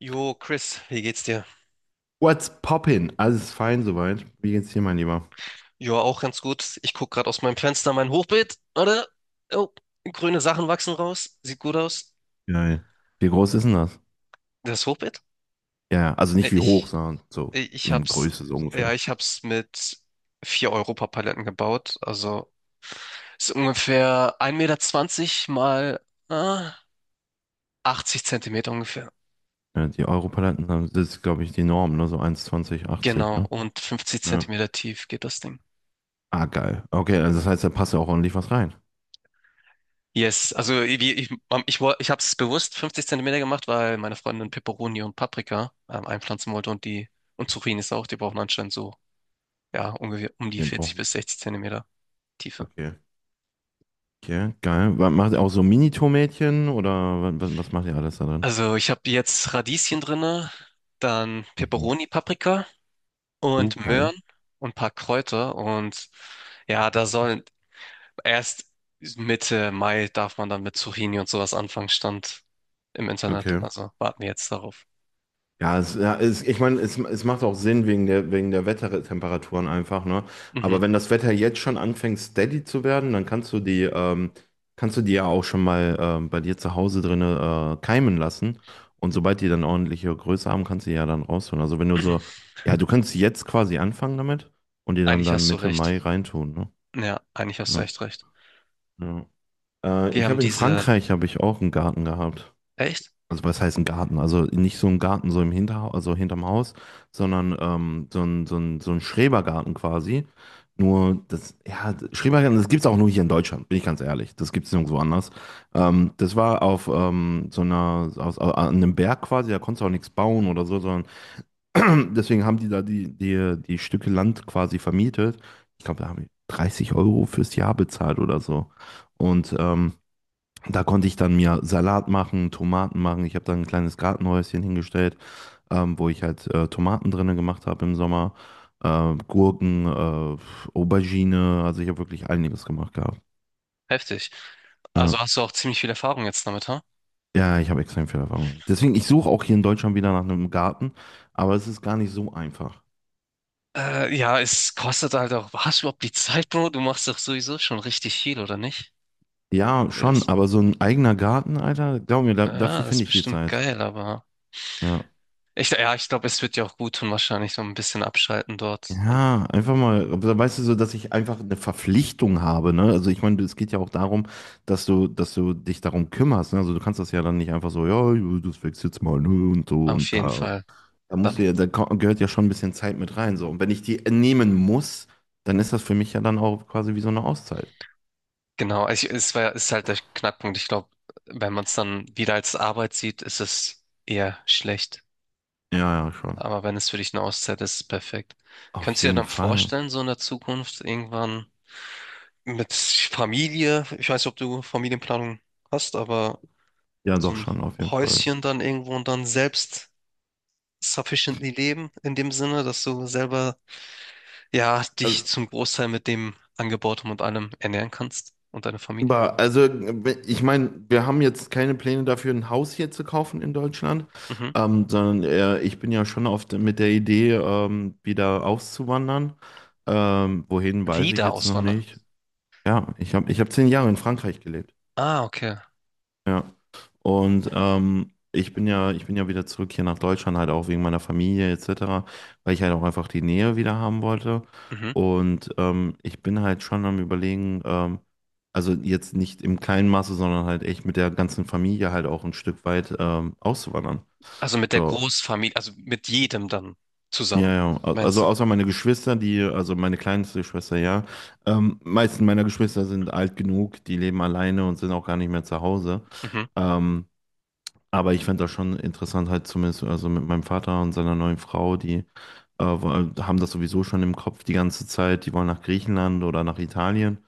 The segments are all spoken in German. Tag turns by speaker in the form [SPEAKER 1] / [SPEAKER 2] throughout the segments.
[SPEAKER 1] Jo, Chris, wie geht's dir?
[SPEAKER 2] What's poppin? Alles ist fein soweit. Wie geht's dir, mein Lieber?
[SPEAKER 1] Jo, auch ganz gut. Ich guck gerade aus meinem Fenster mein Hochbeet. Warte. Oh, grüne Sachen wachsen raus. Sieht gut aus.
[SPEAKER 2] Geil. Wie groß ist denn das?
[SPEAKER 1] Das Hochbeet?
[SPEAKER 2] Ja, ja, also
[SPEAKER 1] Äh,
[SPEAKER 2] nicht wie hoch,
[SPEAKER 1] Ich,
[SPEAKER 2] sondern so
[SPEAKER 1] äh, ich
[SPEAKER 2] in
[SPEAKER 1] hab's,
[SPEAKER 2] Größe so
[SPEAKER 1] ja,
[SPEAKER 2] ungefähr.
[SPEAKER 1] ich hab's mit 4 Europapaletten gebaut. Also ist ungefähr 1,20 Meter mal ah, 80 Zentimeter ungefähr.
[SPEAKER 2] Ja, die Europaletten haben, das ist, glaube ich, die Norm, ne? So 1,20, 80,
[SPEAKER 1] Genau.
[SPEAKER 2] ne?
[SPEAKER 1] Und 50
[SPEAKER 2] Ja.
[SPEAKER 1] Zentimeter tief geht das Ding.
[SPEAKER 2] Ah, geil. Okay, also das heißt, da passt ja auch ordentlich was rein.
[SPEAKER 1] Yes, also ich habe es bewusst 50 Zentimeter gemacht, weil meine Freundin Peperoni und Paprika einpflanzen wollte und die und Zucchinis auch. Die brauchen anscheinend so, ja, ungefähr um die
[SPEAKER 2] Ja, boah.
[SPEAKER 1] 40 bis 60 Zentimeter Tiefe.
[SPEAKER 2] Okay. Okay, geil. Was, macht ihr auch so Mini-Tomätchen oder was, was macht ihr alles da drin?
[SPEAKER 1] Also ich habe jetzt Radieschen drinne, dann
[SPEAKER 2] Mhm.
[SPEAKER 1] Peperoni, Paprika
[SPEAKER 2] Oh,
[SPEAKER 1] und
[SPEAKER 2] geil.
[SPEAKER 1] Möhren und ein paar Kräuter und ja, da sollen erst Mitte Mai darf man dann mit Zucchini und sowas anfangen, stand im Internet.
[SPEAKER 2] Okay.
[SPEAKER 1] Also warten wir jetzt darauf.
[SPEAKER 2] Ja, es, ich meine, es macht auch Sinn wegen der Wettertemperaturen einfach, ne? Aber
[SPEAKER 1] Mhm.
[SPEAKER 2] wenn das Wetter jetzt schon anfängt, steady zu werden, dann kannst du die ja auch schon mal bei dir zu Hause drinne keimen lassen. Und sobald die dann ordentliche Größe haben, kannst du die ja dann rausholen. Also wenn du so, ja, du kannst jetzt quasi anfangen damit und die dann
[SPEAKER 1] Eigentlich
[SPEAKER 2] dann
[SPEAKER 1] hast du
[SPEAKER 2] Mitte
[SPEAKER 1] recht.
[SPEAKER 2] Mai reintun, ne?
[SPEAKER 1] Ja, eigentlich hast du
[SPEAKER 2] Ja,
[SPEAKER 1] echt recht.
[SPEAKER 2] ja.
[SPEAKER 1] Die
[SPEAKER 2] Ich
[SPEAKER 1] haben
[SPEAKER 2] habe In
[SPEAKER 1] diese.
[SPEAKER 2] Frankreich habe ich auch einen Garten gehabt.
[SPEAKER 1] Echt?
[SPEAKER 2] Also was heißt ein Garten? Also nicht so ein Garten so im Hinterhaus, also hinterm Haus, sondern so ein Schrebergarten quasi. Nur das, ja, Schrebergarten, das gibt's auch nur hier in Deutschland, bin ich ganz ehrlich. Das gibt's nirgendwo anders. Das war auf so einer, an einem Berg quasi, da konntest du auch nichts bauen oder so, sondern deswegen haben die da die Stücke Land quasi vermietet. Ich glaube, da haben die 30 € fürs Jahr bezahlt oder so. Und da konnte ich dann mir Salat machen, Tomaten machen. Ich habe dann ein kleines Gartenhäuschen hingestellt, wo ich halt Tomaten drinnen gemacht habe im Sommer, Gurken, Aubergine. Also ich habe wirklich einiges gemacht gehabt.
[SPEAKER 1] Heftig. Also
[SPEAKER 2] Ja,
[SPEAKER 1] hast du auch ziemlich viel Erfahrung jetzt damit, ha?
[SPEAKER 2] ja, ich habe extrem viel Erfahrung. Deswegen, ich suche auch hier in Deutschland wieder nach einem Garten, aber es ist gar nicht so einfach.
[SPEAKER 1] Ja, es kostet halt auch. Hast du überhaupt die Zeit, Bro? Du machst doch sowieso schon richtig viel, oder nicht?
[SPEAKER 2] Ja, schon,
[SPEAKER 1] Ist,
[SPEAKER 2] aber so ein eigener Garten, Alter, glaub mir,
[SPEAKER 1] ja,
[SPEAKER 2] dafür
[SPEAKER 1] das ist
[SPEAKER 2] finde ich die
[SPEAKER 1] bestimmt
[SPEAKER 2] Zeit.
[SPEAKER 1] geil, aber.
[SPEAKER 2] Ja.
[SPEAKER 1] Ja, ich glaube, es wird dir auch gut tun, wahrscheinlich so ein bisschen abschalten dort. Und
[SPEAKER 2] Ja, einfach mal, aber da weißt du so, dass ich einfach eine Verpflichtung habe, ne? Also ich meine, es geht ja auch darum, dass du dich darum kümmerst, ne? Also du kannst das ja dann nicht einfach so, ja, ja, das wächst jetzt mal, ne? Und so
[SPEAKER 1] auf
[SPEAKER 2] und
[SPEAKER 1] jeden
[SPEAKER 2] da.
[SPEAKER 1] Fall.
[SPEAKER 2] Da musst du
[SPEAKER 1] Dann,
[SPEAKER 2] ja, gehört ja schon ein bisschen Zeit mit rein, so. Und wenn ich die nehmen muss, dann ist das für mich ja dann auch quasi wie so eine Auszeit.
[SPEAKER 1] genau. Ist halt der Knackpunkt. Ich glaube, wenn man es dann wieder als Arbeit sieht, ist es eher schlecht.
[SPEAKER 2] Ja, ja, schon.
[SPEAKER 1] Aber wenn es für dich eine Auszeit ist, ist es perfekt.
[SPEAKER 2] Auf
[SPEAKER 1] Könntest du dir
[SPEAKER 2] jeden
[SPEAKER 1] dann
[SPEAKER 2] Fall.
[SPEAKER 1] vorstellen, so in der Zukunft irgendwann mit Familie, ich weiß nicht, ob du Familienplanung hast, aber
[SPEAKER 2] Ja,
[SPEAKER 1] so
[SPEAKER 2] doch
[SPEAKER 1] ein
[SPEAKER 2] schon, auf jeden Fall.
[SPEAKER 1] Häuschen dann irgendwo und dann selbst sufficiently leben, in dem Sinne, dass du selber, ja, dich
[SPEAKER 2] Also
[SPEAKER 1] zum Großteil mit dem Angebauten und allem ernähren kannst und deine Familie?
[SPEAKER 2] Aber ich meine, wir haben jetzt keine Pläne dafür, ein Haus hier zu kaufen in Deutschland,
[SPEAKER 1] Mhm.
[SPEAKER 2] sondern ich bin ja schon oft mit der Idee, wieder auszuwandern. Wohin weiß ich
[SPEAKER 1] Wieder
[SPEAKER 2] jetzt noch
[SPEAKER 1] auswandern?
[SPEAKER 2] nicht. Ja, ich hab 10 Jahre in Frankreich gelebt.
[SPEAKER 1] Ah, okay.
[SPEAKER 2] Ja. Und ich bin ja wieder zurück hier nach Deutschland, halt auch wegen meiner Familie etc., weil ich halt auch einfach die Nähe wieder haben wollte.
[SPEAKER 1] Mhm.
[SPEAKER 2] Und ich bin halt schon am Überlegen, also jetzt nicht im kleinen Maße, sondern halt echt mit der ganzen Familie halt auch ein Stück weit auszuwandern.
[SPEAKER 1] Also mit der
[SPEAKER 2] So,
[SPEAKER 1] Großfamilie, also mit jedem dann
[SPEAKER 2] ja,
[SPEAKER 1] zusammen,
[SPEAKER 2] ja.
[SPEAKER 1] meinst
[SPEAKER 2] Also
[SPEAKER 1] du?
[SPEAKER 2] außer meine Geschwister, die, also meine kleinste Schwester, ja. Meisten meiner Geschwister sind alt genug, die leben alleine und sind auch gar nicht mehr zu Hause.
[SPEAKER 1] Mhm.
[SPEAKER 2] Ähm, Aber ich fand das schon interessant, halt zumindest also mit meinem Vater und seiner neuen Frau, die haben das sowieso schon im Kopf die ganze Zeit, die wollen nach Griechenland oder nach Italien.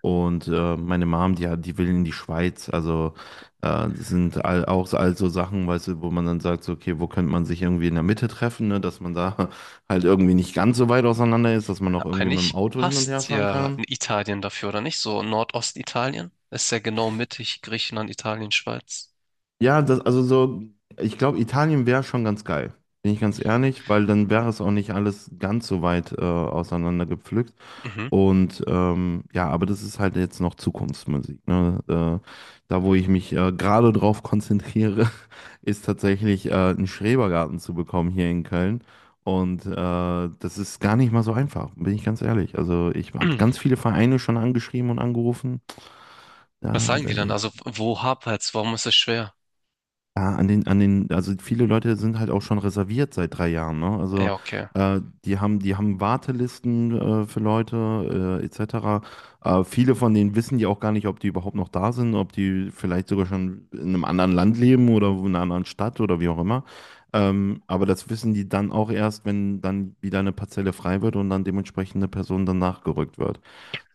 [SPEAKER 2] Und meine Mom, die will in die Schweiz. Also das sind all, all so Sachen, weißt du, wo man dann sagt, so, okay, wo könnte man sich irgendwie in der Mitte treffen, ne? Dass man da halt irgendwie nicht ganz so weit auseinander ist, dass man auch irgendwie mit dem
[SPEAKER 1] Eigentlich
[SPEAKER 2] Auto hin und her
[SPEAKER 1] passt
[SPEAKER 2] fahren
[SPEAKER 1] ja
[SPEAKER 2] kann.
[SPEAKER 1] in Italien dafür, oder nicht? So Nordostitalien ist ja genau mittig Griechenland, Italien, Schweiz.
[SPEAKER 2] Ja, also so, ich glaube, Italien wäre schon ganz geil. Bin ich ganz ehrlich, weil dann wäre es auch nicht alles ganz so weit auseinander gepflückt.
[SPEAKER 1] Mhm.
[SPEAKER 2] Und ja, aber das ist halt jetzt noch Zukunftsmusik. Ne? Da, wo ich mich gerade drauf konzentriere, ist tatsächlich einen Schrebergarten zu bekommen hier in Köln. Und das ist gar nicht mal so einfach, bin ich ganz ehrlich. Also ich habe ganz viele Vereine schon angeschrieben und angerufen.
[SPEAKER 1] Was
[SPEAKER 2] Ja,
[SPEAKER 1] sagen die dann? Also wo hapert's? Warum ist es schwer?
[SPEAKER 2] ja, also viele Leute sind halt auch schon reserviert seit 3 Jahren, ne? Also
[SPEAKER 1] Ja, okay.
[SPEAKER 2] die haben Wartelisten für Leute etc. Viele von denen wissen ja auch gar nicht, ob die überhaupt noch da sind, ob die vielleicht sogar schon in einem anderen Land leben oder in einer anderen Stadt oder wie auch immer. Aber das wissen die dann auch erst, wenn dann wieder eine Parzelle frei wird und dann dementsprechend eine Person danach gerückt wird.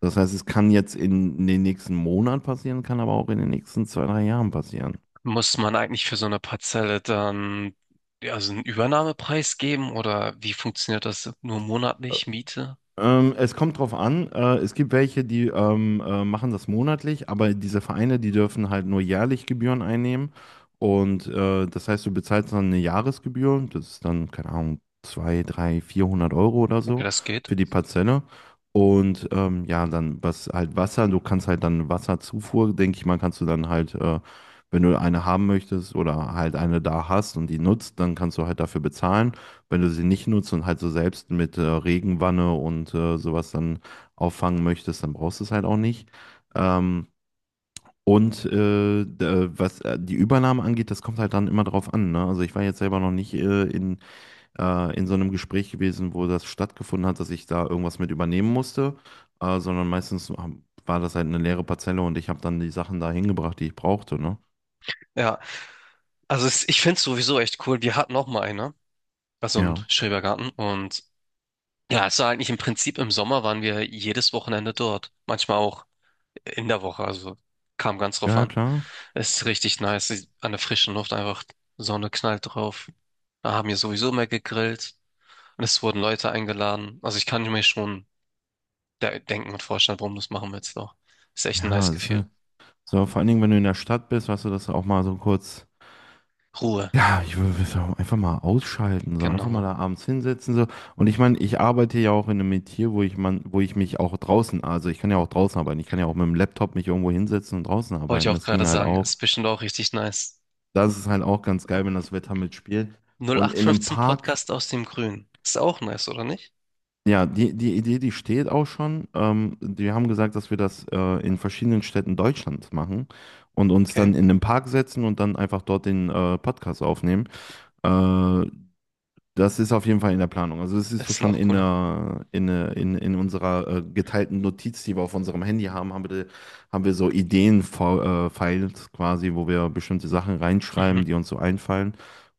[SPEAKER 2] Das heißt, es kann jetzt in den nächsten Monat passieren, kann aber auch in den nächsten 2, 3 Jahren passieren.
[SPEAKER 1] Muss man eigentlich für so eine Parzelle dann ja, also einen Übernahmepreis geben oder wie funktioniert das? Nur monatlich Miete?
[SPEAKER 2] Es kommt drauf an. Es gibt welche, die machen das monatlich, aber diese Vereine, die dürfen halt nur jährlich Gebühren einnehmen. Und das heißt, du bezahlst dann eine Jahresgebühr. Das ist dann, keine Ahnung, 2, 3, 400 € oder
[SPEAKER 1] Okay,
[SPEAKER 2] so
[SPEAKER 1] das geht.
[SPEAKER 2] für die Parzelle. Und ja, dann was halt Wasser, du kannst halt dann Wasserzufuhr, denke ich mal, kannst du dann halt, wenn du eine haben möchtest oder halt eine da hast und die nutzt, dann kannst du halt dafür bezahlen, wenn du sie nicht nutzt und halt so selbst mit Regenwanne und sowas dann auffangen möchtest, dann brauchst du es halt auch nicht. Ähm, und was die Übernahme angeht, das kommt halt dann immer drauf an, ne? Also ich war jetzt selber noch nicht in so einem Gespräch gewesen, wo das stattgefunden hat, dass ich da irgendwas mit übernehmen musste, sondern meistens war das halt eine leere Parzelle und ich habe dann die Sachen da hingebracht, die ich brauchte, ne?
[SPEAKER 1] Ja, also ich finde es sowieso echt cool. Wir hatten auch mal eine, also im
[SPEAKER 2] Ja.
[SPEAKER 1] Schrebergarten, und ja, es war eigentlich im Prinzip, im Sommer waren wir jedes Wochenende dort. Manchmal auch in der Woche, also kam ganz drauf
[SPEAKER 2] Ja,
[SPEAKER 1] an.
[SPEAKER 2] klar.
[SPEAKER 1] Es ist richtig nice, an der frischen Luft, einfach Sonne knallt drauf. Da haben wir sowieso mehr gegrillt und es wurden Leute eingeladen. Also ich kann mir schon de denken und vorstellen, warum. Das machen wir jetzt auch. Ist echt ein
[SPEAKER 2] Ja,
[SPEAKER 1] nice
[SPEAKER 2] das ist,
[SPEAKER 1] Gefühl.
[SPEAKER 2] so vor allen Dingen, wenn du in der Stadt bist, weißt du, dass du auch mal so kurz.
[SPEAKER 1] Ruhe,
[SPEAKER 2] Ja, ich würde so einfach mal ausschalten, so einfach mal
[SPEAKER 1] genau.
[SPEAKER 2] da abends hinsetzen, so. Und ich meine, ich arbeite ja auch in einem Metier, wo ich mich auch draußen, also ich kann ja auch draußen arbeiten, ich kann ja auch mit dem Laptop mich irgendwo hinsetzen und draußen
[SPEAKER 1] Wollte ich
[SPEAKER 2] arbeiten.
[SPEAKER 1] auch
[SPEAKER 2] Das ging
[SPEAKER 1] gerade
[SPEAKER 2] halt
[SPEAKER 1] sagen,
[SPEAKER 2] auch.
[SPEAKER 1] ist bestimmt auch richtig nice.
[SPEAKER 2] Das ist halt auch ganz geil, wenn das Wetter mitspielt. Und in einem
[SPEAKER 1] 0815
[SPEAKER 2] Park,
[SPEAKER 1] Podcast aus dem Grün. Ist auch nice, oder nicht?
[SPEAKER 2] ja, die Idee, die steht auch schon. Wir haben gesagt, dass wir das in verschiedenen Städten Deutschlands machen und uns
[SPEAKER 1] Okay,
[SPEAKER 2] dann in einem Park setzen und dann einfach dort den Podcast aufnehmen. Äh, Das ist auf jeden Fall in der Planung. Also das ist
[SPEAKER 1] das
[SPEAKER 2] so
[SPEAKER 1] ist
[SPEAKER 2] schon
[SPEAKER 1] noch
[SPEAKER 2] in,
[SPEAKER 1] cooler.
[SPEAKER 2] der, in, der- in, in unserer geteilten Notiz, die wir auf unserem Handy haben, haben wir so Ideen-Files quasi, wo wir bestimmte Sachen reinschreiben,
[SPEAKER 1] Mhm.
[SPEAKER 2] die uns so einfallen.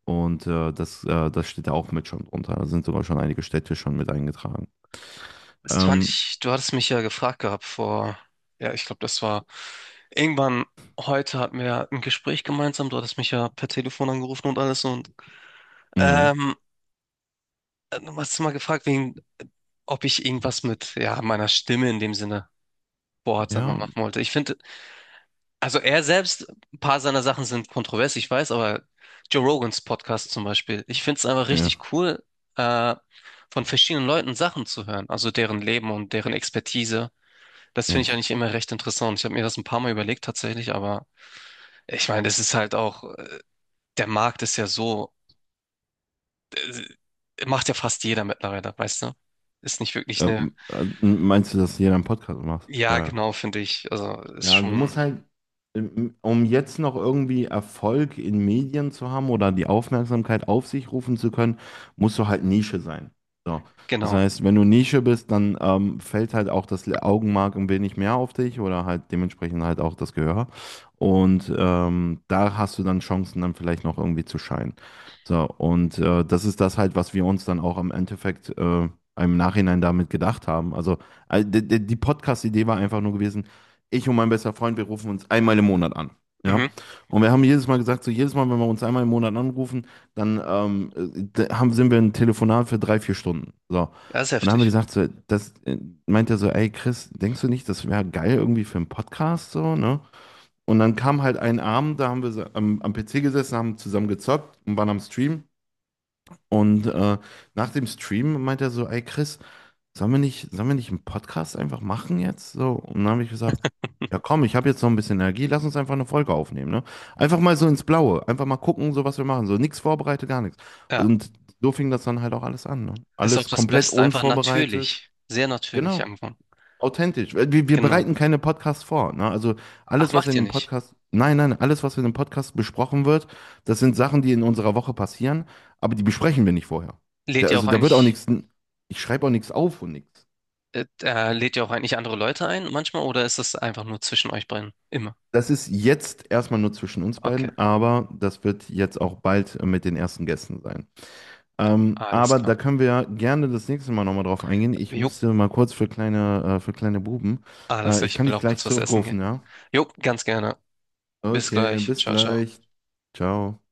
[SPEAKER 2] Und das steht da auch mit schon drunter. Da sind sogar schon einige Städte schon mit eingetragen.
[SPEAKER 1] Das fand
[SPEAKER 2] Ähm,
[SPEAKER 1] ich, du hattest mich ja gefragt gehabt vor, ja, ich glaube, das war irgendwann, heute hatten wir ja ein Gespräch gemeinsam. Du hattest mich ja per Telefon angerufen und alles, und
[SPEAKER 2] mh,
[SPEAKER 1] ähm, du hast mal gefragt, wegen, ob ich irgendwas mit, ja, meiner Stimme in dem Sinne Boards
[SPEAKER 2] ja,
[SPEAKER 1] machen wollte. Ich finde, also er selbst, ein paar seiner Sachen sind kontrovers, ich weiß, aber Joe Rogans Podcast zum Beispiel, ich finde es einfach
[SPEAKER 2] ja,
[SPEAKER 1] richtig cool, äh, von verschiedenen Leuten Sachen zu hören, also deren Leben und deren Expertise. Das finde ich
[SPEAKER 2] yes.
[SPEAKER 1] eigentlich immer recht interessant. Ich habe mir das ein paar Mal überlegt tatsächlich, aber ich meine, das ist halt auch, der Markt ist ja so, äh, macht ja fast jeder mittlerweile, weißt du? Ist nicht wirklich eine,
[SPEAKER 2] Meinst du, dass jeder einen Podcast macht?
[SPEAKER 1] ja,
[SPEAKER 2] Ja.
[SPEAKER 1] genau, finde ich. Also ist
[SPEAKER 2] Ja, du
[SPEAKER 1] schon,
[SPEAKER 2] musst halt, um jetzt noch irgendwie Erfolg in Medien zu haben oder die Aufmerksamkeit auf sich rufen zu können, musst du halt Nische sein. So. Das
[SPEAKER 1] genau.
[SPEAKER 2] heißt, wenn du Nische bist, dann fällt halt auch das Augenmerk ein wenig mehr auf dich oder halt dementsprechend halt auch das Gehör. Und da hast du dann Chancen, dann vielleicht noch irgendwie zu scheinen. So, und das ist das halt, was wir uns dann auch im Endeffekt im Nachhinein damit gedacht haben. Also, die Podcast-Idee war einfach nur gewesen, ich und mein bester Freund, wir rufen uns einmal im Monat an. Ja.
[SPEAKER 1] Mhm.
[SPEAKER 2] Und wir haben jedes Mal gesagt, so jedes Mal, wenn wir uns einmal im Monat anrufen, dann sind wir ein Telefonat für 3, 4 Stunden. So.
[SPEAKER 1] Ja, ist
[SPEAKER 2] Und dann haben wir
[SPEAKER 1] heftig.
[SPEAKER 2] gesagt, so, das meint er so, ey Chris, denkst du nicht, das wäre geil irgendwie für einen Podcast so, ne? Und dann kam halt ein Abend, da haben wir so am PC gesessen, haben zusammen gezockt und waren am Stream. Und nach dem Stream meint er so, ey Chris, sollen wir nicht einen Podcast einfach machen jetzt? So, und dann habe ich gesagt, ja komm, ich habe jetzt noch ein bisschen Energie, lass uns einfach eine Folge aufnehmen, ne? Einfach mal so ins Blaue, einfach mal gucken, so was wir machen, so nichts vorbereitet, gar nichts.
[SPEAKER 1] Ja,
[SPEAKER 2] Und so fing das dann halt auch alles an, ne?
[SPEAKER 1] ist auch
[SPEAKER 2] Alles
[SPEAKER 1] das
[SPEAKER 2] komplett
[SPEAKER 1] Beste, einfach
[SPEAKER 2] unvorbereitet,
[SPEAKER 1] natürlich, sehr natürlich
[SPEAKER 2] genau,
[SPEAKER 1] einfach.
[SPEAKER 2] authentisch. Wir
[SPEAKER 1] Genau.
[SPEAKER 2] bereiten keine Podcasts vor, ne? Also
[SPEAKER 1] Ach,
[SPEAKER 2] alles, was
[SPEAKER 1] macht
[SPEAKER 2] in
[SPEAKER 1] ihr
[SPEAKER 2] dem
[SPEAKER 1] nicht?
[SPEAKER 2] Podcast, nein, nein, alles, was in dem Podcast besprochen wird, das sind Sachen, die in unserer Woche passieren, aber die besprechen wir nicht vorher.
[SPEAKER 1] Lädt ihr auch
[SPEAKER 2] Da wird auch
[SPEAKER 1] eigentlich,
[SPEAKER 2] nichts, ich schreibe auch nichts auf und nichts.
[SPEAKER 1] lädt ihr auch eigentlich andere Leute ein manchmal, oder ist das einfach nur zwischen euch beiden? Immer.
[SPEAKER 2] Das ist jetzt erstmal nur zwischen uns
[SPEAKER 1] Okay,
[SPEAKER 2] beiden, aber das wird jetzt auch bald mit den ersten Gästen sein.
[SPEAKER 1] alles
[SPEAKER 2] Aber
[SPEAKER 1] klar.
[SPEAKER 2] da können wir gerne das nächste Mal nochmal drauf eingehen. Ich
[SPEAKER 1] Jo,
[SPEAKER 2] müsste mal kurz für kleine Buben.
[SPEAKER 1] alles klar,
[SPEAKER 2] Ich
[SPEAKER 1] ich
[SPEAKER 2] kann
[SPEAKER 1] will
[SPEAKER 2] dich
[SPEAKER 1] auch
[SPEAKER 2] gleich
[SPEAKER 1] kurz was essen
[SPEAKER 2] zurückrufen,
[SPEAKER 1] gehen.
[SPEAKER 2] ja?
[SPEAKER 1] Jo, ganz gerne. Bis
[SPEAKER 2] Okay,
[SPEAKER 1] gleich.
[SPEAKER 2] bis
[SPEAKER 1] Ciao, ciao.
[SPEAKER 2] gleich. Ciao.